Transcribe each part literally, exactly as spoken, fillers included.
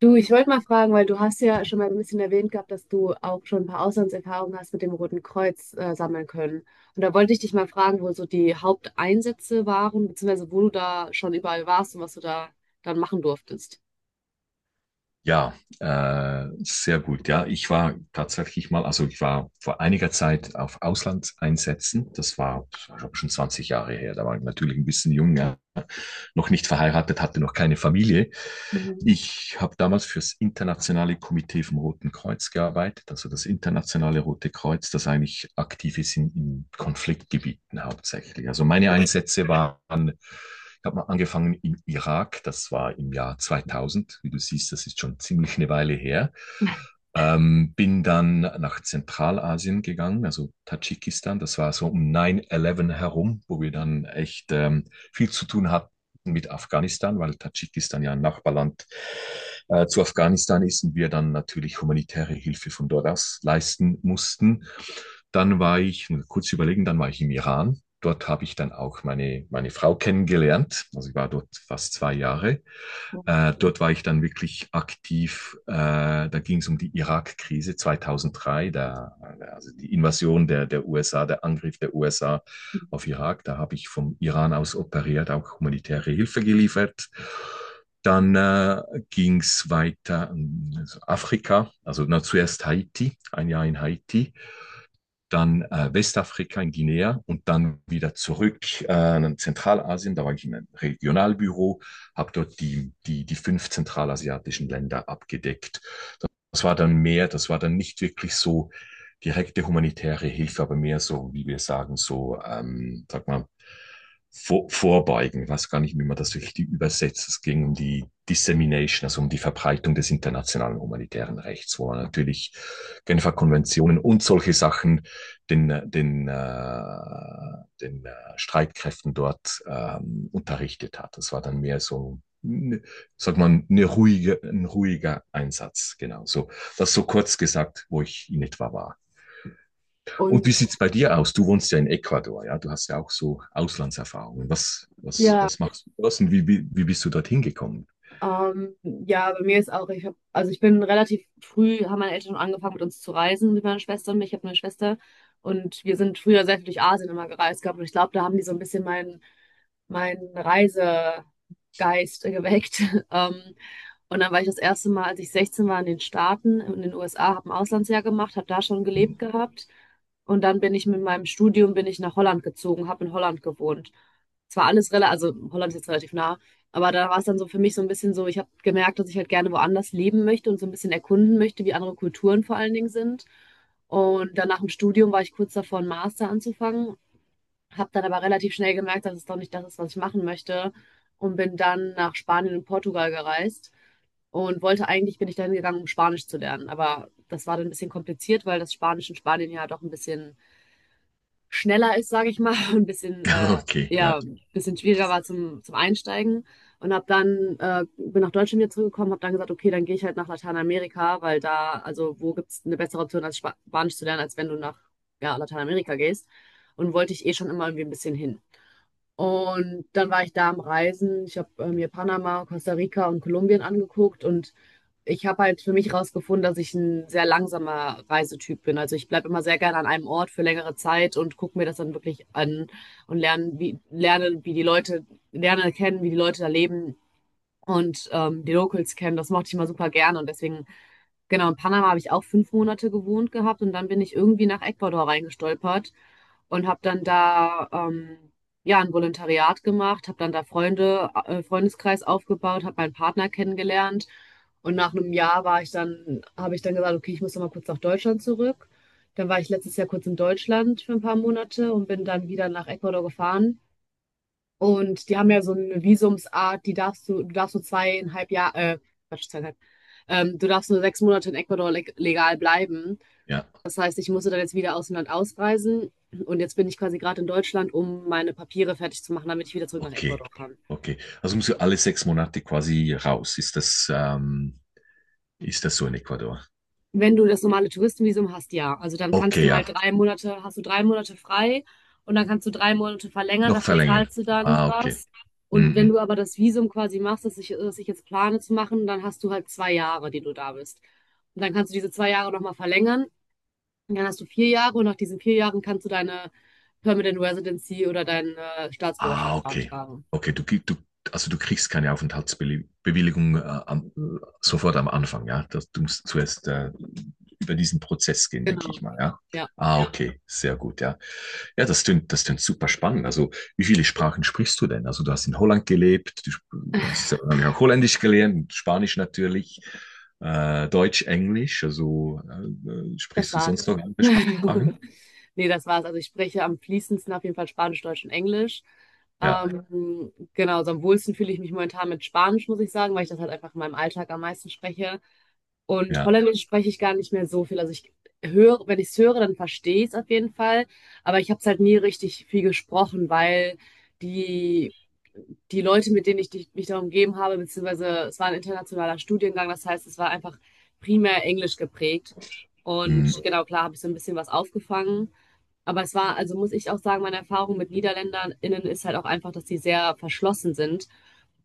Du, ich wollte mal fragen, weil du hast ja schon mal ein bisschen erwähnt gehabt, dass du auch schon ein paar Auslandserfahrungen hast mit dem Roten Kreuz äh, sammeln können. Und da wollte ich dich mal fragen, wo so die Haupteinsätze waren, beziehungsweise wo du da schon überall warst und was du da dann machen durftest. Ja, äh, sehr gut. Ja, ich war tatsächlich mal, also ich war vor einiger Zeit auf Auslandseinsätzen. Das war, das war schon zwanzig Jahre her. Da war ich natürlich ein bisschen jung, ja noch nicht verheiratet, hatte noch keine Familie. Mhm. Ich habe damals fürs internationale Komitee vom Roten Kreuz gearbeitet, also das internationale Rote Kreuz, das eigentlich aktiv ist in, in Konfliktgebieten hauptsächlich. Also meine Einsätze waren, ich habe mal angefangen im Irak, das war im Jahr zweitausend. Wie du siehst, das ist schon ziemlich eine Weile her. Ähm, bin dann nach Zentralasien gegangen, also Tadschikistan. Das war so um neun elf herum, wo wir dann echt ähm, viel zu tun hatten mit Afghanistan, weil Tadschikistan ja ein Nachbarland äh, zu Afghanistan ist und wir dann natürlich humanitäre Hilfe von dort aus leisten mussten. Dann war ich, kurz überlegen, dann war ich im Iran. Dort habe ich dann auch meine, meine Frau kennengelernt. Also ich war dort fast zwei Jahre. Äh, dort war ich dann wirklich aktiv. Äh, da ging es um die Irak-Krise zweitausenddrei, da, also die Invasion der, der U S A, der Angriff der U S A auf Irak. Da habe ich vom Iran aus operiert, auch humanitäre Hilfe geliefert. Dann äh, ging es weiter in also Afrika, also na, zuerst Haiti, ein Jahr in Haiti, dann äh, Westafrika in Guinea, und dann wieder zurück äh, in Zentralasien. Da war ich in einem Regionalbüro, habe dort die, die, die fünf zentralasiatischen Länder abgedeckt. Das war dann mehr, das war dann nicht wirklich so direkte humanitäre Hilfe, aber mehr so, wie wir sagen, so, ähm, sag mal, vor, vorbeugen. Ich weiß gar nicht, wie man das richtig übersetzt. Es ging um die Dissemination, also um die Verbreitung des internationalen humanitären Rechts, wo natürlich Genfer Konventionen und solche Sachen den, den, äh, den äh, Streitkräften dort ähm, unterrichtet hat. Das war dann mehr so, ne, sagt man, eine ruhige, ein ruhiger Einsatz. Genau, so. Das so kurz gesagt, wo ich in etwa war. Und Und wie sieht's bei dir aus? Du wohnst ja in Ecuador, ja? Du hast ja auch so Auslandserfahrungen. Was, was, ja, was machst du dort, und wie, wie, wie bist du dorthin gekommen? Ähm, ja, bei mir ist auch, ich hab, also ich bin relativ früh, haben meine Eltern schon angefangen mit uns zu reisen, mit meiner Schwester und mir. Ich habe eine Schwester und wir sind früher sehr viel durch Asien immer gereist gehabt und ich glaube, da haben die so ein bisschen meinen meinen Reisegeist geweckt. Ähm, und dann war ich das erste Mal, als ich sechzehn war, in den Staaten, in den U S A, habe ein Auslandsjahr gemacht, habe da schon gelebt gehabt und dann bin ich mit meinem Studium bin ich nach Holland gezogen, habe in Holland gewohnt. Es war alles relativ, also Holland ist jetzt relativ nah, aber da war es dann so für mich so ein bisschen so, ich habe gemerkt, dass ich halt gerne woanders leben möchte und so ein bisschen erkunden möchte, wie andere Kulturen vor allen Dingen sind. Und dann nach dem Studium war ich kurz davor, einen Master anzufangen, habe dann aber relativ schnell gemerkt, dass es doch nicht das ist, was ich machen möchte, und bin dann nach Spanien und Portugal gereist und wollte eigentlich, bin ich dahin gegangen, um Spanisch zu lernen. Aber das war dann ein bisschen kompliziert, weil das Spanisch in Spanien ja doch ein bisschen schneller ist, sage ich mal, und ein bisschen, äh, Okay, ja, ja, ein bisschen schwieriger war zum, zum Einsteigen. Und habe dann, äh, bin nach Deutschland wieder zurückgekommen, habe dann gesagt, okay, dann gehe ich halt nach Lateinamerika, weil da, also wo gibt's eine bessere Option, als Spa- Spanisch zu lernen, als wenn du nach, ja, Lateinamerika gehst. Und wollte ich eh schon immer irgendwie ein bisschen hin. Und dann war ich da am Reisen. Ich habe äh, mir Panama, Costa Rica und Kolumbien angeguckt und ich habe halt für mich herausgefunden, dass ich ein sehr langsamer Reisetyp bin. Also ich bleibe immer sehr gerne an einem Ort für längere Zeit und gucke mir das dann wirklich an und lerne, wie, lerne, wie die Leute, lerne kennen, wie die Leute da leben und ähm, die Locals kennen. Das mochte ich immer super gerne und deswegen genau, in Panama habe ich auch fünf Monate gewohnt gehabt und dann bin ich irgendwie nach Ecuador reingestolpert und habe dann da ähm, ja ein Volontariat gemacht, habe dann da Freunde, äh, Freundeskreis aufgebaut, habe meinen Partner kennengelernt und nach einem Jahr war ich dann, habe ich dann gesagt, okay, ich muss noch mal kurz nach Deutschland zurück. Dann war ich letztes Jahr kurz in Deutschland für ein paar Monate und bin dann wieder nach Ecuador gefahren, und die haben ja so eine Visumsart, die darfst du, du darfst nur zweieinhalb Jahre, äh, Quatsch, zweieinhalb, ähm, du darfst nur sechs Monate in Ecuador leg legal bleiben. ja, Das heißt, ich musste dann jetzt wieder aus dem Land ausreisen und jetzt bin ich quasi gerade in Deutschland, um meine Papiere fertig zu machen, damit ich wieder zurück nach okay. Ecuador kann. Okay, also musst du alle sechs Monate quasi raus. Ist das, ähm, ist das so in Ecuador? Wenn du das normale Touristenvisum hast, ja. Also dann kannst Okay, du ja. halt drei Monate, hast du drei Monate frei und dann kannst du drei Monate verlängern, Noch dafür verlängern. zahlst du dann Ah, okay. was. Und wenn Mhm. du aber das Visum quasi machst, das ich, das ich jetzt plane zu machen, dann hast du halt zwei Jahre, die du da bist. Und dann kannst du diese zwei Jahre nochmal verlängern. Und dann hast du vier Jahre und nach diesen vier Jahren kannst du deine Permanent Residency oder deine Ah, Staatsbürgerschaft okay. beantragen. Okay, du, krieg- du, also du kriegst keine Aufenthaltsbewilligung äh, am, äh, sofort am Anfang, ja. Das, du musst zuerst äh, über diesen Prozess gehen, denke ich Genau. mal, ja. Ja, Ah, ja. Okay, sehr gut, ja. Ja, das klingt, das klingt super spannend. Also, wie viele Sprachen sprichst du denn? Also, du hast in Holland gelebt, du sp- hast ja wahrscheinlich auch Holländisch gelernt, Spanisch natürlich, äh, Deutsch, Englisch. Also, äh, äh, das sprichst du war's. sonst noch andere Sprachen? Nee, das war's. Also ich spreche am fließendsten auf jeden Fall Spanisch, Deutsch und Englisch. Ja. Ähm, genau, so am wohlsten fühle ich mich momentan mit Spanisch, muss ich sagen, weil ich das halt einfach in meinem Alltag am meisten spreche. Und Ja, Holländisch spreche ich gar nicht mehr so viel. Also ich höre, wenn ich es höre, dann verstehe ich es auf jeden Fall. Aber ich habe es halt nie richtig viel gesprochen, weil die, die Leute, mit denen ich dich- mich da umgeben habe, beziehungsweise es war ein internationaler Studiengang, das heißt, es war einfach primär Englisch geprägt. hm, Und genau, klar, habe ich so ein bisschen was aufgefangen. Aber es war, also muss ich auch sagen, meine Erfahrung mit NiederländerInnen ist halt auch einfach, dass die sehr verschlossen sind.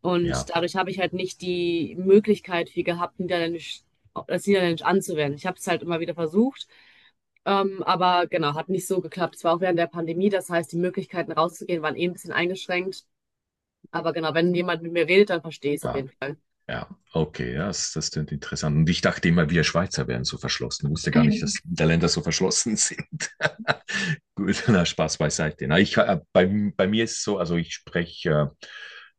Und ja, dadurch habe ich halt nicht die Möglichkeit viel gehabt, Niederländisch das Niederländisch anzuwenden. Ich habe es halt immer wieder versucht, ähm, aber genau, hat nicht so geklappt. Es war auch während der Pandemie, das heißt, die Möglichkeiten rauszugehen waren eh ein bisschen eingeschränkt. Aber genau, wenn jemand mit mir redet, dann verstehe ich es auf war, jeden Fall. ja, okay, ja, das, das klingt interessant. Und ich dachte immer, wir Schweizer wären so verschlossen. Ich wusste gar nicht, dass die Länder so verschlossen sind. Gut, na, Spaß beiseite. Na, ich, äh, bei, bei mir ist es so, also ich spreche äh,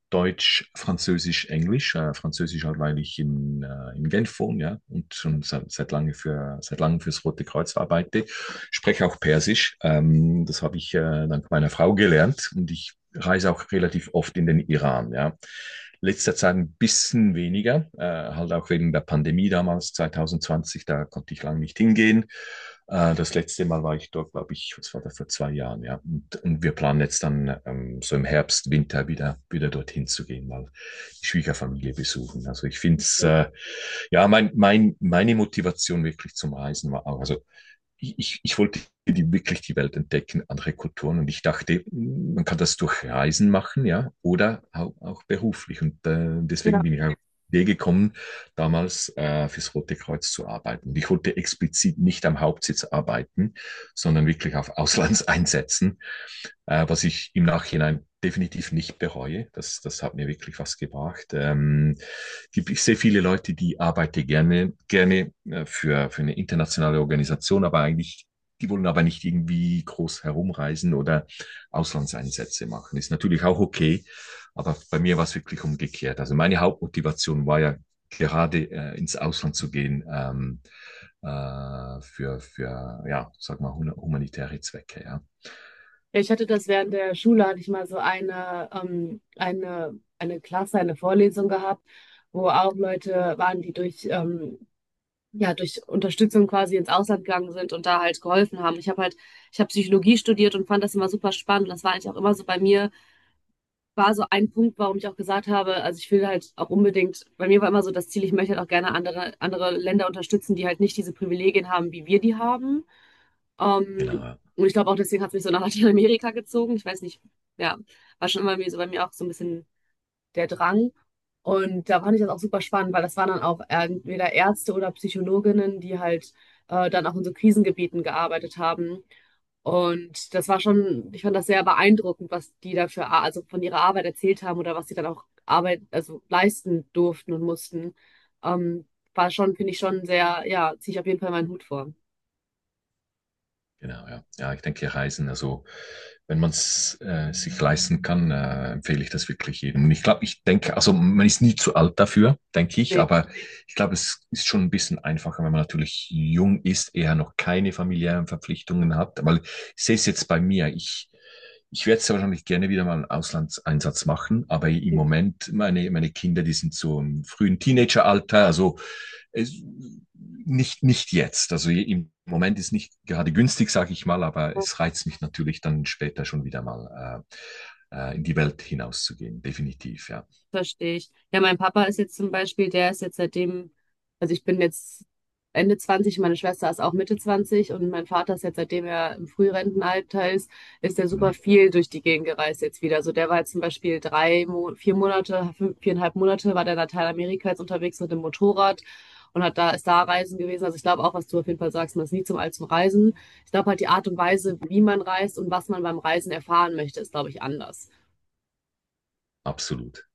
Deutsch, Französisch, Englisch. Äh, Französisch halt, weil ich in, äh, in Genf wohne, ja, und schon seit, seit lange für, seit langem fürs Rote Kreuz arbeite. Spreche auch Persisch. Ähm, das habe ich äh, dank meiner Frau gelernt, und ich reise auch relativ oft in den Iran, ja. Letzter Zeit ein bisschen weniger, äh, halt auch wegen der Pandemie damals, zweitausendzwanzig, da konnte ich lange nicht hingehen. Äh, das letzte Mal war ich dort, glaube ich, was war da vor zwei Jahren, ja. Und, und wir planen jetzt dann ähm, so im Herbst, Winter wieder, wieder dorthin zu gehen, mal die Schwiegerfamilie besuchen. Also ich finde es, äh, ja, mein, mein, meine Motivation wirklich zum Reisen war auch, also ich, ich wollte die wirklich die Welt entdecken, andere Kulturen. Und ich dachte, man kann das durch Reisen machen, ja, oder auch, auch beruflich. Und äh, Ja, deswegen bin ich auf die Idee gekommen, damals äh, fürs Rote Kreuz zu arbeiten. Und ich wollte explizit nicht am Hauptsitz arbeiten, sondern wirklich auf Auslandseinsätzen, äh, was ich im Nachhinein definitiv nicht bereue. Das, das hat mir wirklich was gebracht. Ähm, gibt, ich sehe viele Leute, die arbeiten gerne, gerne äh, für, für eine internationale Organisation, aber eigentlich, die wollen aber nicht irgendwie groß herumreisen oder Auslandseinsätze machen. Ist natürlich auch okay, aber bei mir war es wirklich umgekehrt. Also meine Hauptmotivation war ja gerade äh, ins Ausland zu gehen, ähm, äh, für, für, ja, sag mal, humanitäre Zwecke, ja. ich hatte das während der Schule, hatte ich mal so eine, ähm, eine, eine Klasse, eine Vorlesung gehabt, wo auch Leute waren, die durch, ähm, ja, durch Unterstützung quasi ins Ausland gegangen sind und da halt geholfen haben. Ich habe halt, ich habe Psychologie studiert und fand das immer super spannend. Das war eigentlich auch immer so bei mir war so ein Punkt, warum ich auch gesagt habe, also ich will halt auch unbedingt, bei mir war immer so das Ziel, ich möchte halt auch gerne andere, andere Länder unterstützen, die halt nicht diese Privilegien haben, wie wir die haben. Ähm, Genau. und ich glaube auch deswegen hat es mich so nach Lateinamerika gezogen. Ich weiß nicht, ja, war schon immer mir so bei mir auch so ein bisschen der Drang. Und da fand ich das auch super spannend, weil das waren dann auch entweder Ärzte oder Psychologinnen, die halt äh, dann auch in so Krisengebieten gearbeitet haben. Und das war schon, ich fand das sehr beeindruckend, was die dafür, also von ihrer Arbeit erzählt haben oder was sie dann auch Arbeit, also leisten durften und mussten. Ähm, war schon, finde ich schon sehr, ja, ziehe ich auf jeden Fall meinen Hut vor. Genau, ja. Ja, ich denke, Reisen, also wenn man es äh, sich leisten kann, äh, empfehle ich das wirklich jedem. Und ich glaube, ich denke, also man ist nie zu alt dafür, denke ich, Nee. aber ich glaube, es ist schon ein bisschen einfacher, wenn man natürlich jung ist, eher noch keine familiären Verpflichtungen hat, weil ich sehe es jetzt bei mir, ich, ich werde sehr wahrscheinlich gerne wieder mal einen Auslandseinsatz machen, aber im Moment, meine, meine Kinder, die sind so im frühen Teenageralter, also nicht, nicht jetzt. Also im Moment ist nicht gerade günstig, sage ich mal, aber es reizt mich natürlich dann später schon wieder mal äh, äh, in die Welt hinauszugehen, definitiv, ja. Verstehe ich. Ja, mein Papa ist jetzt zum Beispiel, der ist jetzt seitdem, also ich bin jetzt Ende zwanzig, meine Schwester ist auch Mitte zwanzig und mein Vater ist jetzt, seitdem er im Frührentenalter ist, ist er super Mhm. viel durch die Gegend gereist jetzt wieder. Also der war jetzt zum Beispiel drei, Mo- vier Monate, fünf, viereinhalb Monate war der in Lateinamerika jetzt unterwegs mit dem Motorrad und hat da, ist da reisen gewesen. Also ich glaube auch, was du auf jeden Fall sagst, man ist nie zum Alt zum Reisen. Ich glaube halt die Art und Weise, wie man reist und was man beim Reisen erfahren möchte, ist, glaube ich, anders. Absolut.